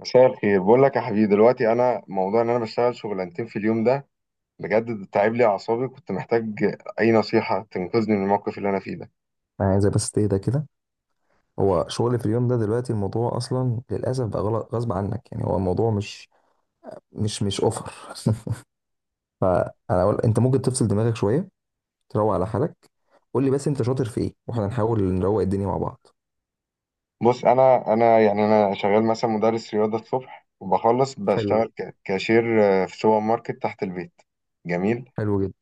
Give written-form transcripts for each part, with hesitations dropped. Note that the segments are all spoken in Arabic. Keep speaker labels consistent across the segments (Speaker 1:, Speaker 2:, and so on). Speaker 1: مساء الخير، بقول لك يا حبيبي دلوقتي، انا موضوع ان انا بشتغل شغلانتين في اليوم ده. بجد تعب لي اعصابي، كنت محتاج اي نصيحه تنقذني من الموقف اللي انا فيه ده.
Speaker 2: انا عايزه بس تهدى كده. هو شغل في اليوم ده دلوقتي الموضوع اصلا للاسف بقى غلط غصب عنك، يعني هو الموضوع مش اوفر. فانا أقول انت ممكن تفصل دماغك شويه، تروق على حالك. قول لي بس انت شاطر في ايه واحنا نحاول نروق الدنيا مع بعض.
Speaker 1: بص، انا يعني انا شغال مثلا مدرس رياضه الصبح، وبخلص
Speaker 2: حلو جدا،
Speaker 1: بشتغل كاشير في سوبر ماركت تحت البيت. جميل.
Speaker 2: حلو جدا،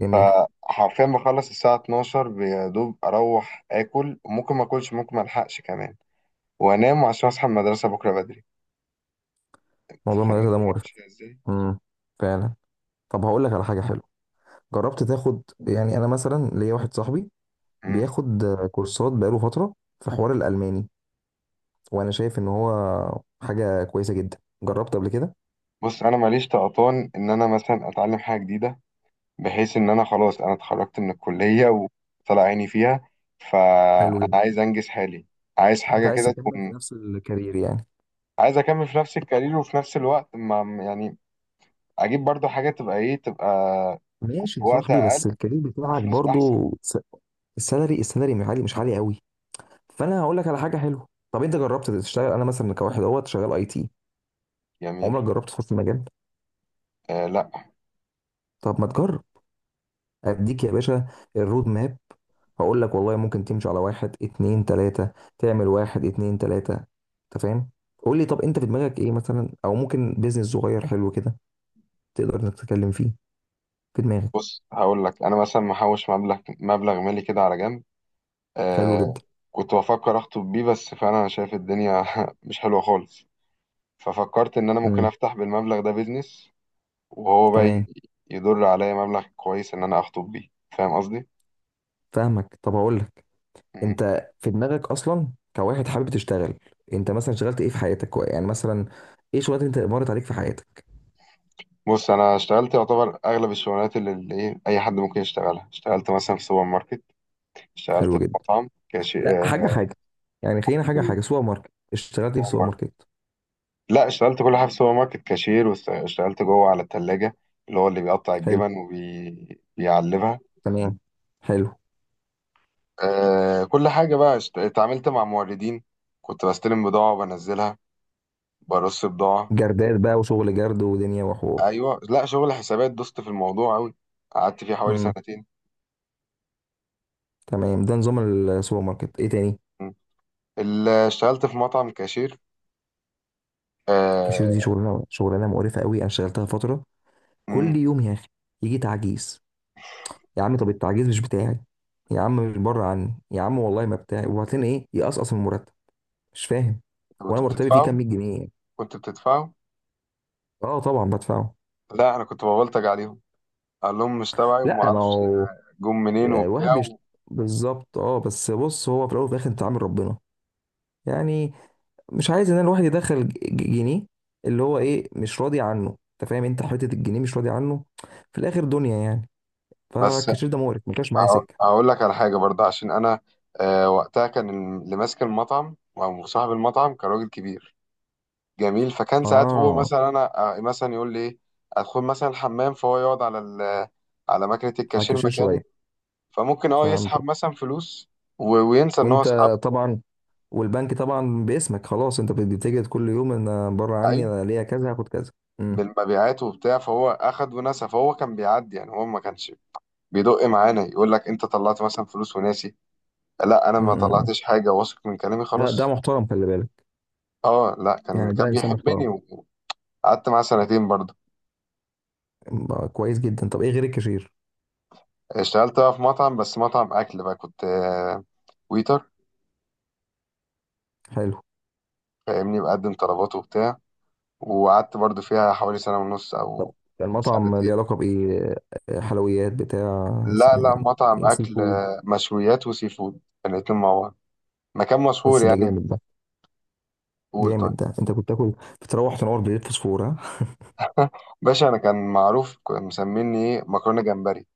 Speaker 2: جميل.
Speaker 1: حرفيا بخلص الساعه 12، يا دوب اروح اكل، ممكن ما اكلش، ممكن ما الحقش كمان، وانام عشان اصحى المدرسه بكره بدري. أنت
Speaker 2: موضوع
Speaker 1: فاهم
Speaker 2: المدرسه ده
Speaker 1: الدنيا
Speaker 2: مقرف.
Speaker 1: ماشيه ازاي؟
Speaker 2: امم، فعلا. طب هقول لك على حاجه حلوه. جربت تاخد، يعني انا مثلا ليا واحد صاحبي
Speaker 1: مم.
Speaker 2: بياخد كورسات بقاله فتره في حوار الالماني، وانا شايف ان هو حاجه كويسه جدا. جربت قبل كده؟
Speaker 1: بص، انا ماليش طقطان ان انا مثلا اتعلم حاجه جديده، بحيث ان انا خلاص انا اتخرجت من الكلية وطلع عيني فيها،
Speaker 2: حلو
Speaker 1: فانا
Speaker 2: جدا.
Speaker 1: عايز انجز حالي. عايز
Speaker 2: انت
Speaker 1: حاجة
Speaker 2: عايز
Speaker 1: كده
Speaker 2: تكمل في
Speaker 1: تكون.
Speaker 2: نفس الكارير يعني؟
Speaker 1: عايز اكمل في نفس الكارير وفي نفس الوقت ما يعني اجيب برضو حاجة، تبقى ايه؟ تبقى
Speaker 2: ماشي يا
Speaker 1: بوقت
Speaker 2: صاحبي، بس
Speaker 1: اقل،
Speaker 2: الكارير بتاعك
Speaker 1: فلوس احسن.
Speaker 2: برضو السالري مش عالي، مش عالي قوي. فانا هقول لك على حاجه حلوه. طب انت جربت تشتغل، انا مثلا كواحد اهوت شغال اي تي. عمرك
Speaker 1: جميل.
Speaker 2: جربت تخش المجال؟
Speaker 1: آه. لا،
Speaker 2: طب ما تجرب. اديك يا باشا الرود ماب. هقول لك والله ممكن تمشي على واحد اتنين تلاته، تعمل واحد اتنين تلاته، انت فاهم. قول لي، طب انت في دماغك ايه مثلا، او ممكن بيزنس صغير حلو كده تقدر انك تتكلم فيه، في دماغك؟
Speaker 1: بص هقول لك، انا مثلا محوش مبلغ مالي كده على جنب.
Speaker 2: حلو
Speaker 1: آه.
Speaker 2: جدا.
Speaker 1: كنت بفكر اخطب بيه، بس فعلا انا شايف الدنيا مش حلوة خالص. ففكرت ان انا ممكن
Speaker 2: امم،
Speaker 1: افتح بالمبلغ ده بيزنس، وهو بقى
Speaker 2: تمام.
Speaker 1: يدر عليا مبلغ كويس ان انا اخطب بيه. فاهم قصدي؟
Speaker 2: فاهمك. طب هقول لك،
Speaker 1: مم.
Speaker 2: انت في دماغك اصلا كواحد حابب تشتغل، انت مثلا اشتغلت ايه في حياتك، يعني مثلا ايه شغلات انت مرت عليك في حياتك؟
Speaker 1: بص، انا اشتغلت يعتبر اغلب الشغلانات اللي ايه اي حد ممكن يشتغلها. اشتغلت مثلا في سوبر ماركت. اشتغلت في
Speaker 2: حلو جدا.
Speaker 1: مطعم
Speaker 2: لا،
Speaker 1: كاشير
Speaker 2: حاجه
Speaker 1: آه،
Speaker 2: حاجه، يعني خلينا حاجه
Speaker 1: في
Speaker 2: حاجه. سوبر ماركت، اشتغلت ايه في
Speaker 1: سوبر
Speaker 2: سوبر
Speaker 1: ماركت.
Speaker 2: ماركت؟
Speaker 1: لا، اشتغلت كل حاجه في سوبر ماركت، كاشير، واشتغلت جوه على الثلاجه اللي هو اللي بيقطع
Speaker 2: حلو،
Speaker 1: الجبن وبيعلبها.
Speaker 2: تمام، حلو.
Speaker 1: آه، كل حاجه بقى، اتعاملت مع موردين، كنت بستلم بضاعه وبنزلها، برص بضاعه.
Speaker 2: جردات بقى وشغل جرد ودنيا وحوار.
Speaker 1: ايوه، لا، شغل حسابات، دوست في الموضوع قوي، قعدت فيه حوالي
Speaker 2: امم،
Speaker 1: سنتين.
Speaker 2: تمام. ده نظام السوبر ماركت. ايه تاني؟
Speaker 1: مم. اللي اشتغلت في مطعم كاشير،
Speaker 2: كاشير دي
Speaker 1: آه.
Speaker 2: شغلانه شغلانه مقرفه قوي، انا اشتغلتها فتره.
Speaker 1: مم.
Speaker 2: كل يوم يا اخي يجي تعجيز، يا عم طب التعجيز مش بتاعي، يا عم مش بره عني، يا عم والله ما بتاعي، وبعدين ايه يقصقص من المرتب؟ مش فاهم.
Speaker 1: كنت
Speaker 2: وانا مرتبي فيه
Speaker 1: بتدفعوا
Speaker 2: كام، 100 جنيه يعني.
Speaker 1: كنت بتدفعوا
Speaker 2: اه طبعا بدفعه.
Speaker 1: لا، انا كنت ببلطج عليهم، قال لهم مش تبعي وما
Speaker 2: لا، ما
Speaker 1: اعرفش
Speaker 2: هو
Speaker 1: جم منين
Speaker 2: آه، واحد
Speaker 1: وبتاع
Speaker 2: بيشت...
Speaker 1: و...
Speaker 2: بالظبط. اه، بس بص، هو في الاول وفي الاخر انت عامل ربنا يعني، مش عايز ان الواحد يدخل جنيه اللي هو ايه مش راضي عنه، انت فاهم؟ انت حته الجنيه مش راضي عنه في الاخر، دنيا يعني.
Speaker 1: بس
Speaker 2: فالكاشير ده مقرف، ما كانش معايا
Speaker 1: هق-
Speaker 2: سكه.
Speaker 1: هقول لك على حاجه برضه، عشان انا، وقتها كان اللي ماسك المطعم او صاحب المطعم كان راجل كبير. جميل، فكان ساعات هو
Speaker 2: اه،
Speaker 1: مثلا انا آه، مثلا يقول لي ايه، ادخل مثلا الحمام، فهو يقعد على ماكينه
Speaker 2: على
Speaker 1: الكاشير
Speaker 2: الكاشير
Speaker 1: مكاني،
Speaker 2: شويه.
Speaker 1: فممكن يسحب
Speaker 2: فهمتك.
Speaker 1: مثلا فلوس وينسى ان هو
Speaker 2: وانت
Speaker 1: سحب.
Speaker 2: طبعا. والبنك طبعا باسمك، خلاص، انت بتتجد كل يوم ان بره عني،
Speaker 1: لعيب
Speaker 2: انا ليا كذا هاخد كذا. امم،
Speaker 1: بالمبيعات وبتاع، فهو اخد ونسى، فهو كان بيعدي، يعني هو ما كانش بيدق معانا يقول لك انت طلعت مثلا فلوس وناسي. لا، انا ما
Speaker 2: امم،
Speaker 1: طلعتش حاجه، واثق من كلامي
Speaker 2: ده
Speaker 1: خلاص.
Speaker 2: محترم، خلي بالك،
Speaker 1: اه، لا، كان
Speaker 2: يعني ده
Speaker 1: كان
Speaker 2: انسان
Speaker 1: بيحبني،
Speaker 2: محترم.
Speaker 1: وقعدت معاه سنتين برضه.
Speaker 2: بقى كويس جدا. طب ايه غير الكاشير؟
Speaker 1: اشتغلت بقى في مطعم، بس مطعم اكل بقى، كنت ويتر،
Speaker 2: حلو.
Speaker 1: فاهمني، بقدم طلبات وبتاع، وقعدت برضه فيها حوالي سنه ونص او
Speaker 2: المطعم ليه
Speaker 1: سنتين.
Speaker 2: علاقه بايه؟ حلويات بتاع
Speaker 1: لا لا،
Speaker 2: يعني؟
Speaker 1: مطعم
Speaker 2: ايه سي
Speaker 1: أكل،
Speaker 2: فود؟
Speaker 1: مشويات وسي فود، الاتنين مع بعض، مكان مشهور
Speaker 2: بس ده
Speaker 1: يعني.
Speaker 2: جامد، ده
Speaker 1: قول طيب.
Speaker 2: جامد، ده انت كنت تاكل؟ بتروح تنور بليت فوسفور، ها.
Speaker 1: باشا، أنا كان معروف، مسميني إيه، مكرونة جمبري.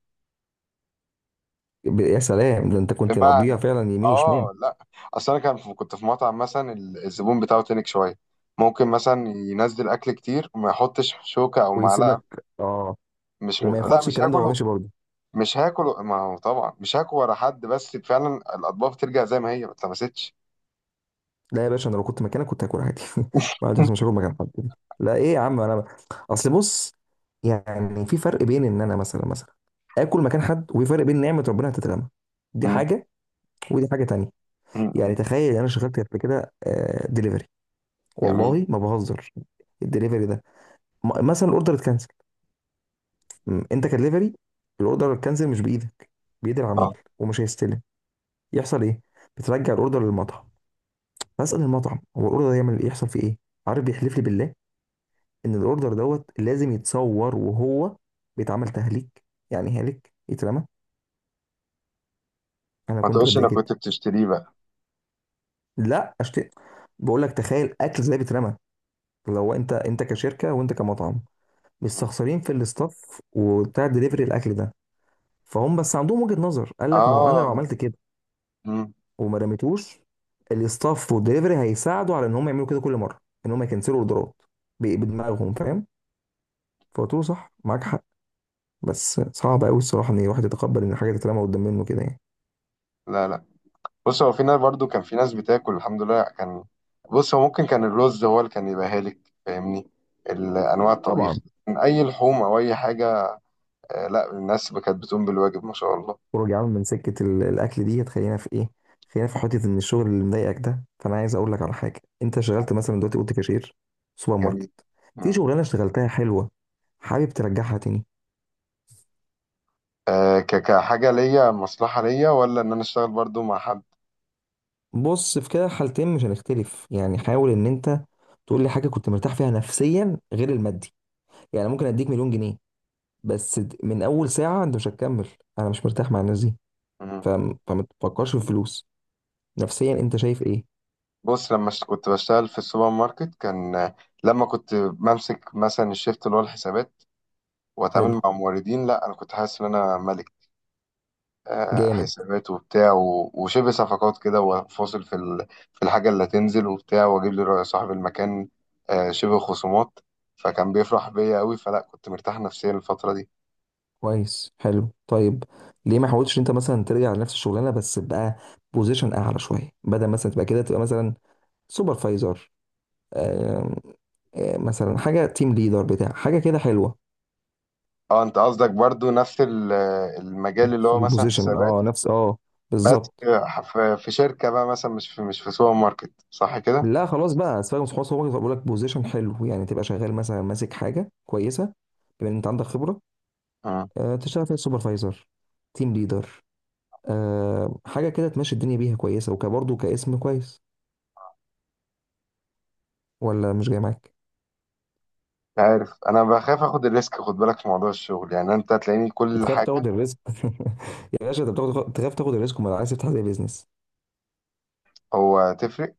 Speaker 2: يا سلام، ده انت كنت مقضيها
Speaker 1: بمعنى،
Speaker 2: فعلا يمين وشمال.
Speaker 1: آه لا، أصل أنا كان في كنت في مطعم مثلا، الزبون بتاعه تنك شوية، ممكن مثلا ينزل أكل كتير وما يحطش شوكة أو
Speaker 2: ويسيب لك،
Speaker 1: معلقة.
Speaker 2: اه.
Speaker 1: مش
Speaker 2: وما
Speaker 1: لا
Speaker 2: ياخدش
Speaker 1: مش
Speaker 2: الكلام ده وهو
Speaker 1: هاكله
Speaker 2: ماشي برضه؟
Speaker 1: مش هاكله ما هو طبعا مش هاكل ورا حد، بس فعلا الأطباق بترجع زي ما هي ما اتلمستش.
Speaker 2: لا يا باشا، انا لو كنت مكانك كنت هاكل عادي. ما عنديش مشاكل مكان حد. لا ايه يا عم، انا اصل بص، يعني في فرق بين ان انا مثلا اكل مكان حد، وفي فرق بين نعمه ربنا هتترمى، دي
Speaker 1: مم.
Speaker 2: حاجه ودي حاجه تانية.
Speaker 1: مم.
Speaker 2: يعني تخيل، انا شغلت قبل كده دليفري،
Speaker 1: جميل.
Speaker 2: والله ما بهزر. الدليفري ده مثلا الاوردر اتكنسل، انت كدليفري، الاوردر اتكنسل مش بايدك، بايد العميل،
Speaker 1: اه.
Speaker 2: ومش هيستلم. يحصل ايه؟ بترجع الاوردر للمطعم، بسأل المطعم هو الاوردر ده يعمل يحصل فيه ايه، عارف بيحلف لي بالله ان الاوردر دوت لازم يتصور، وهو بيتعمل تهليك، يعني هالك يترمى، انا
Speaker 1: ما
Speaker 2: كنت
Speaker 1: تقولش
Speaker 2: بتضايق
Speaker 1: انك
Speaker 2: جدا.
Speaker 1: كنت بتشتريه بقى.
Speaker 2: لا، اشتري، بقول لك تخيل اكل زي بيترمى. لو انت، انت كشركه وانت كمطعم،
Speaker 1: مم.
Speaker 2: مستخسرين في الاستاف وبتاع دليفري الاكل ده. فهم، بس عندهم وجهه نظر، قال لك ما هو انا لو
Speaker 1: اه.
Speaker 2: عملت كده
Speaker 1: مم.
Speaker 2: وما رميتوش، الاستاف والدليفري هيساعدوا على ان هم يعملوا كده كل مره، ان هم يكنسلوا اوردرات بدماغهم، فاهم. فقلت له صح، معاك حق، بس صعب قوي الصراحه ان الواحد يتقبل ان حاجه تترمى قدام منه كده يعني.
Speaker 1: لا لا، بص هو في ناس، برضو كان في ناس بتاكل الحمد لله، كان. بص هو ممكن كان الرز هو اللي كان يبقى هالك، فاهمني، الانواع الطبيخ
Speaker 2: طبعا.
Speaker 1: من اي لحوم او اي حاجه. آه لا، الناس كانت بتقوم بالواجب ما شاء الله.
Speaker 2: خروج يا عم من سكه الاكل دي هتخلينا في ايه. خلينا في حته ان الشغل اللي مضايقك ده، فانا عايز اقول لك على حاجه. انت شغلت مثلا دلوقتي، قلت كاشير، سوبر
Speaker 1: جميل.
Speaker 2: ماركت. في
Speaker 1: مم.
Speaker 2: شغلانه اشتغلتها حلوه حابب ترجعها تاني؟
Speaker 1: آه، كحاجه ليا مصلحه، ليا ولا ان انا اشتغل برضو مع حد؟
Speaker 2: بص في كده حالتين، مش هنختلف يعني. حاول ان انت تقول لي حاجه كنت مرتاح فيها نفسيا غير المادي. يعني ممكن اديك مليون جنيه بس من اول ساعه انت مش هتكمل، انا مش مرتاح مع الناس دي،
Speaker 1: مم.
Speaker 2: فما تفكرش في الفلوس، نفسيا انت شايف ايه؟
Speaker 1: بص، لما كنت بشتغل في السوبر ماركت كان، لما كنت بمسك مثلا الشيفت اللي هو الحسابات
Speaker 2: حلو،
Speaker 1: واتعامل مع موردين، لا، انا كنت حاسس ان انا ملك،
Speaker 2: جامد،
Speaker 1: حسابات وبتاع، وشبه صفقات كده، وفاصل في الحاجة اللي هتنزل وبتاع، واجيب لي رأي صاحب المكان، شبه خصومات، فكان بيفرح بيا قوي، فلا كنت مرتاح نفسيا الفترة دي.
Speaker 2: كويس، حلو، طيب. ليه ما حاولتش انت مثلا ترجع لنفس الشغلانه، بس بقى بوزيشن اعلى شويه، بدل مثلا تبقى كده تبقى مثلا سوبرفايزر، آم، مثلا حاجه تيم ليدر بتاع، حاجه كده حلوه.
Speaker 1: اه، انت قصدك برضو نفس المجال اللي
Speaker 2: نفس
Speaker 1: هو مثلا
Speaker 2: البوزيشن،
Speaker 1: حسابات،
Speaker 2: اه، نفس، اه،
Speaker 1: بس
Speaker 2: بالظبط.
Speaker 1: في شركة بقى مثلا، مش في سوبر ماركت، صح كده؟
Speaker 2: لا خلاص بقى، سيبك من خلاص، هو بيقول لك بوزيشن حلو، يعني تبقى شغال مثلا ماسك حاجه كويسه بما ان انت عندك خبره،
Speaker 1: مم.
Speaker 2: تشتغل فيها سوبرفايزر، تيم ليدر، حاجه كده تمشي الدنيا بيها كويسه وكبرضه كاسم كويس. ولا مش جاي معاك؟
Speaker 1: مش عارف، انا بخاف اخد الريسك، خد بالك في موضوع الشغل، يعني انت هتلاقيني كل
Speaker 2: بتخاف
Speaker 1: حاجة.
Speaker 2: تاخد الريسك؟ يا باشا، انت بتاخد، تخاف تاخد الريسك وما عايز تفتح زي بيزنس؟
Speaker 1: هو تفرق.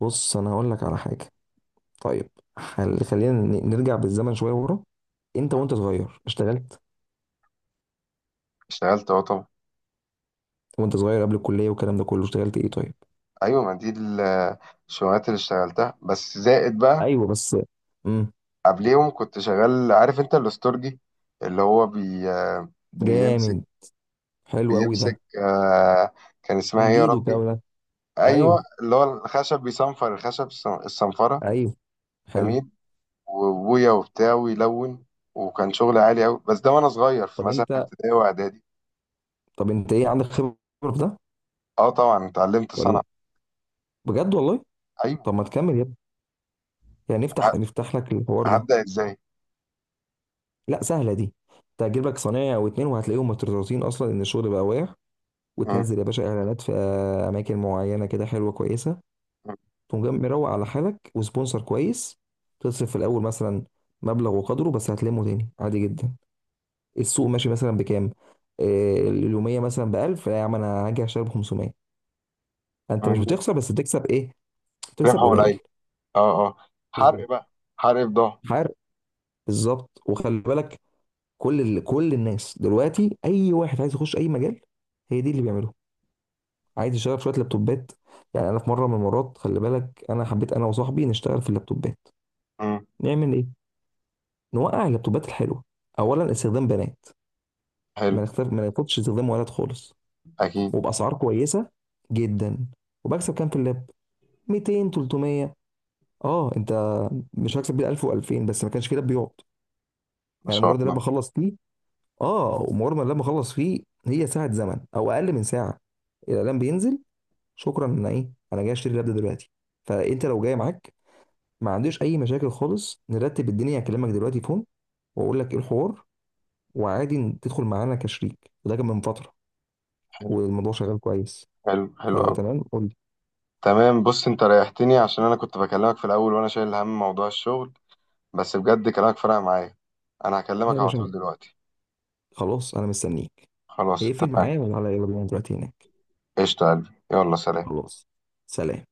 Speaker 2: بص انا هقول لك على حاجه، طيب. خلينا نرجع بالزمن شويه ورا. انت وانت صغير اشتغلت.
Speaker 1: اشتغلت، اه طبعا.
Speaker 2: وانت صغير قبل الكليه والكلام ده كله اشتغلت ايه طيب؟
Speaker 1: ايوه، ما دي الشغلات اللي اشتغلتها بس زائد بقى،
Speaker 2: ايوه بس. امم.
Speaker 1: قبليهم كنت شغال، عارف انت الاستورجي اللي هو بي بيمسك
Speaker 2: جامد، حلو قوي ده.
Speaker 1: بيمسك آه كان اسمها ايه يا
Speaker 2: تنجيد
Speaker 1: ربي؟
Speaker 2: وبتاع ده.
Speaker 1: ايوه،
Speaker 2: ايوه،
Speaker 1: اللي هو الخشب، بيصنفر الخشب، الصنفره.
Speaker 2: ايوه، حلو.
Speaker 1: جميل. وابويا وبتاع ويلون، وكان شغل عالي قوي، بس ده وانا صغير، في
Speaker 2: طب
Speaker 1: مثلا في
Speaker 2: انت،
Speaker 1: ابتدائي واعدادي.
Speaker 2: طب انت ايه عندك خبره في ده
Speaker 1: اه طبعا، اتعلمت
Speaker 2: ولا
Speaker 1: صنعه.
Speaker 2: إيه؟ بجد والله؟
Speaker 1: ايوه.
Speaker 2: طب ما تكمل يا ابني، يعني
Speaker 1: ه-
Speaker 2: نفتح، نفتح لك الحوار ده.
Speaker 1: هبدا ازاي؟
Speaker 2: لا سهله دي. انت هتجيب لك صنايعي او اتنين وهتلاقيهم مترططين اصلا ان الشغل بقى واقع،
Speaker 1: م-
Speaker 2: وتنزل يا باشا اعلانات في اماكن معينه كده حلوه كويسه،
Speaker 1: م-
Speaker 2: تقوم جاي مروق على حالك وسبونسر كويس، تصرف في الاول مثلا مبلغ وقدره بس هتلمه تاني عادي جدا. السوق ماشي مثلا بكام؟ آه، اليوميه مثلا ب 1000، لا يا عم انا هاجي اشتري ب 500. انت مش
Speaker 1: م-
Speaker 2: بتخسر، بس بتكسب ايه؟ بتكسب
Speaker 1: ربح ولا
Speaker 2: قليل.
Speaker 1: ايه؟ اه اه.
Speaker 2: بالظبط.
Speaker 1: حرق بقى، حرق بضاعه.
Speaker 2: حارق، بالظبط. وخلي بالك، كل الناس دلوقتي اي واحد عايز يخش اي مجال، هي دي اللي بيعمله. عايز اشتغل في شويه لابتوبات، يعني انا في مره من المرات خلي بالك، انا حبيت انا وصاحبي نشتغل في اللابتوبات. نعمل ايه؟ نوقع اللابتوبات الحلوه. اولا، استخدام بنات،
Speaker 1: حلو.
Speaker 2: ما نختار، ما ناخدش استخدام ولد خالص،
Speaker 1: اكيد.
Speaker 2: وباسعار كويسه جدا. وبكسب كام في اللاب؟ 200، 300. اه انت مش هكسب بيه 1000 و2000، بس ما كانش في لاب بيقعد،
Speaker 1: ما
Speaker 2: يعني
Speaker 1: شاء
Speaker 2: مجرد اللاب
Speaker 1: الله.
Speaker 2: بخلص فيه، اه، ومجرد ما اللاب بخلص فيه، هي ساعه زمن او اقل من ساعه، الاعلان بينزل، شكرا انا ايه، انا جاي اشتري اللاب ده دلوقتي. فانت لو جاي معاك، ما عنديش اي مشاكل خالص، نرتب الدنيا، هكلمك دلوقتي فون واقول لك ايه الحوار، وعادي إن تدخل معانا كشريك. وده كان من فتره،
Speaker 1: حلو.
Speaker 2: والموضوع شغال كويس.
Speaker 1: حلو. حلو
Speaker 2: فلو
Speaker 1: قوي.
Speaker 2: تمام قول لي.
Speaker 1: تمام. بص، انت ريحتني عشان انا كنت بكلمك في الاول وانا شايل هم موضوع الشغل، بس بجد كلامك فرق معايا، انا هكلمك
Speaker 2: يا
Speaker 1: على
Speaker 2: باشا،
Speaker 1: طول دلوقتي.
Speaker 2: خلاص انا مستنيك.
Speaker 1: خلاص
Speaker 2: اقفل
Speaker 1: اتفقنا.
Speaker 2: معايا وتعالى، يلا بينا دلوقتي هناك.
Speaker 1: قشطة يا قلبي، يلا سلام.
Speaker 2: خلاص، سلام.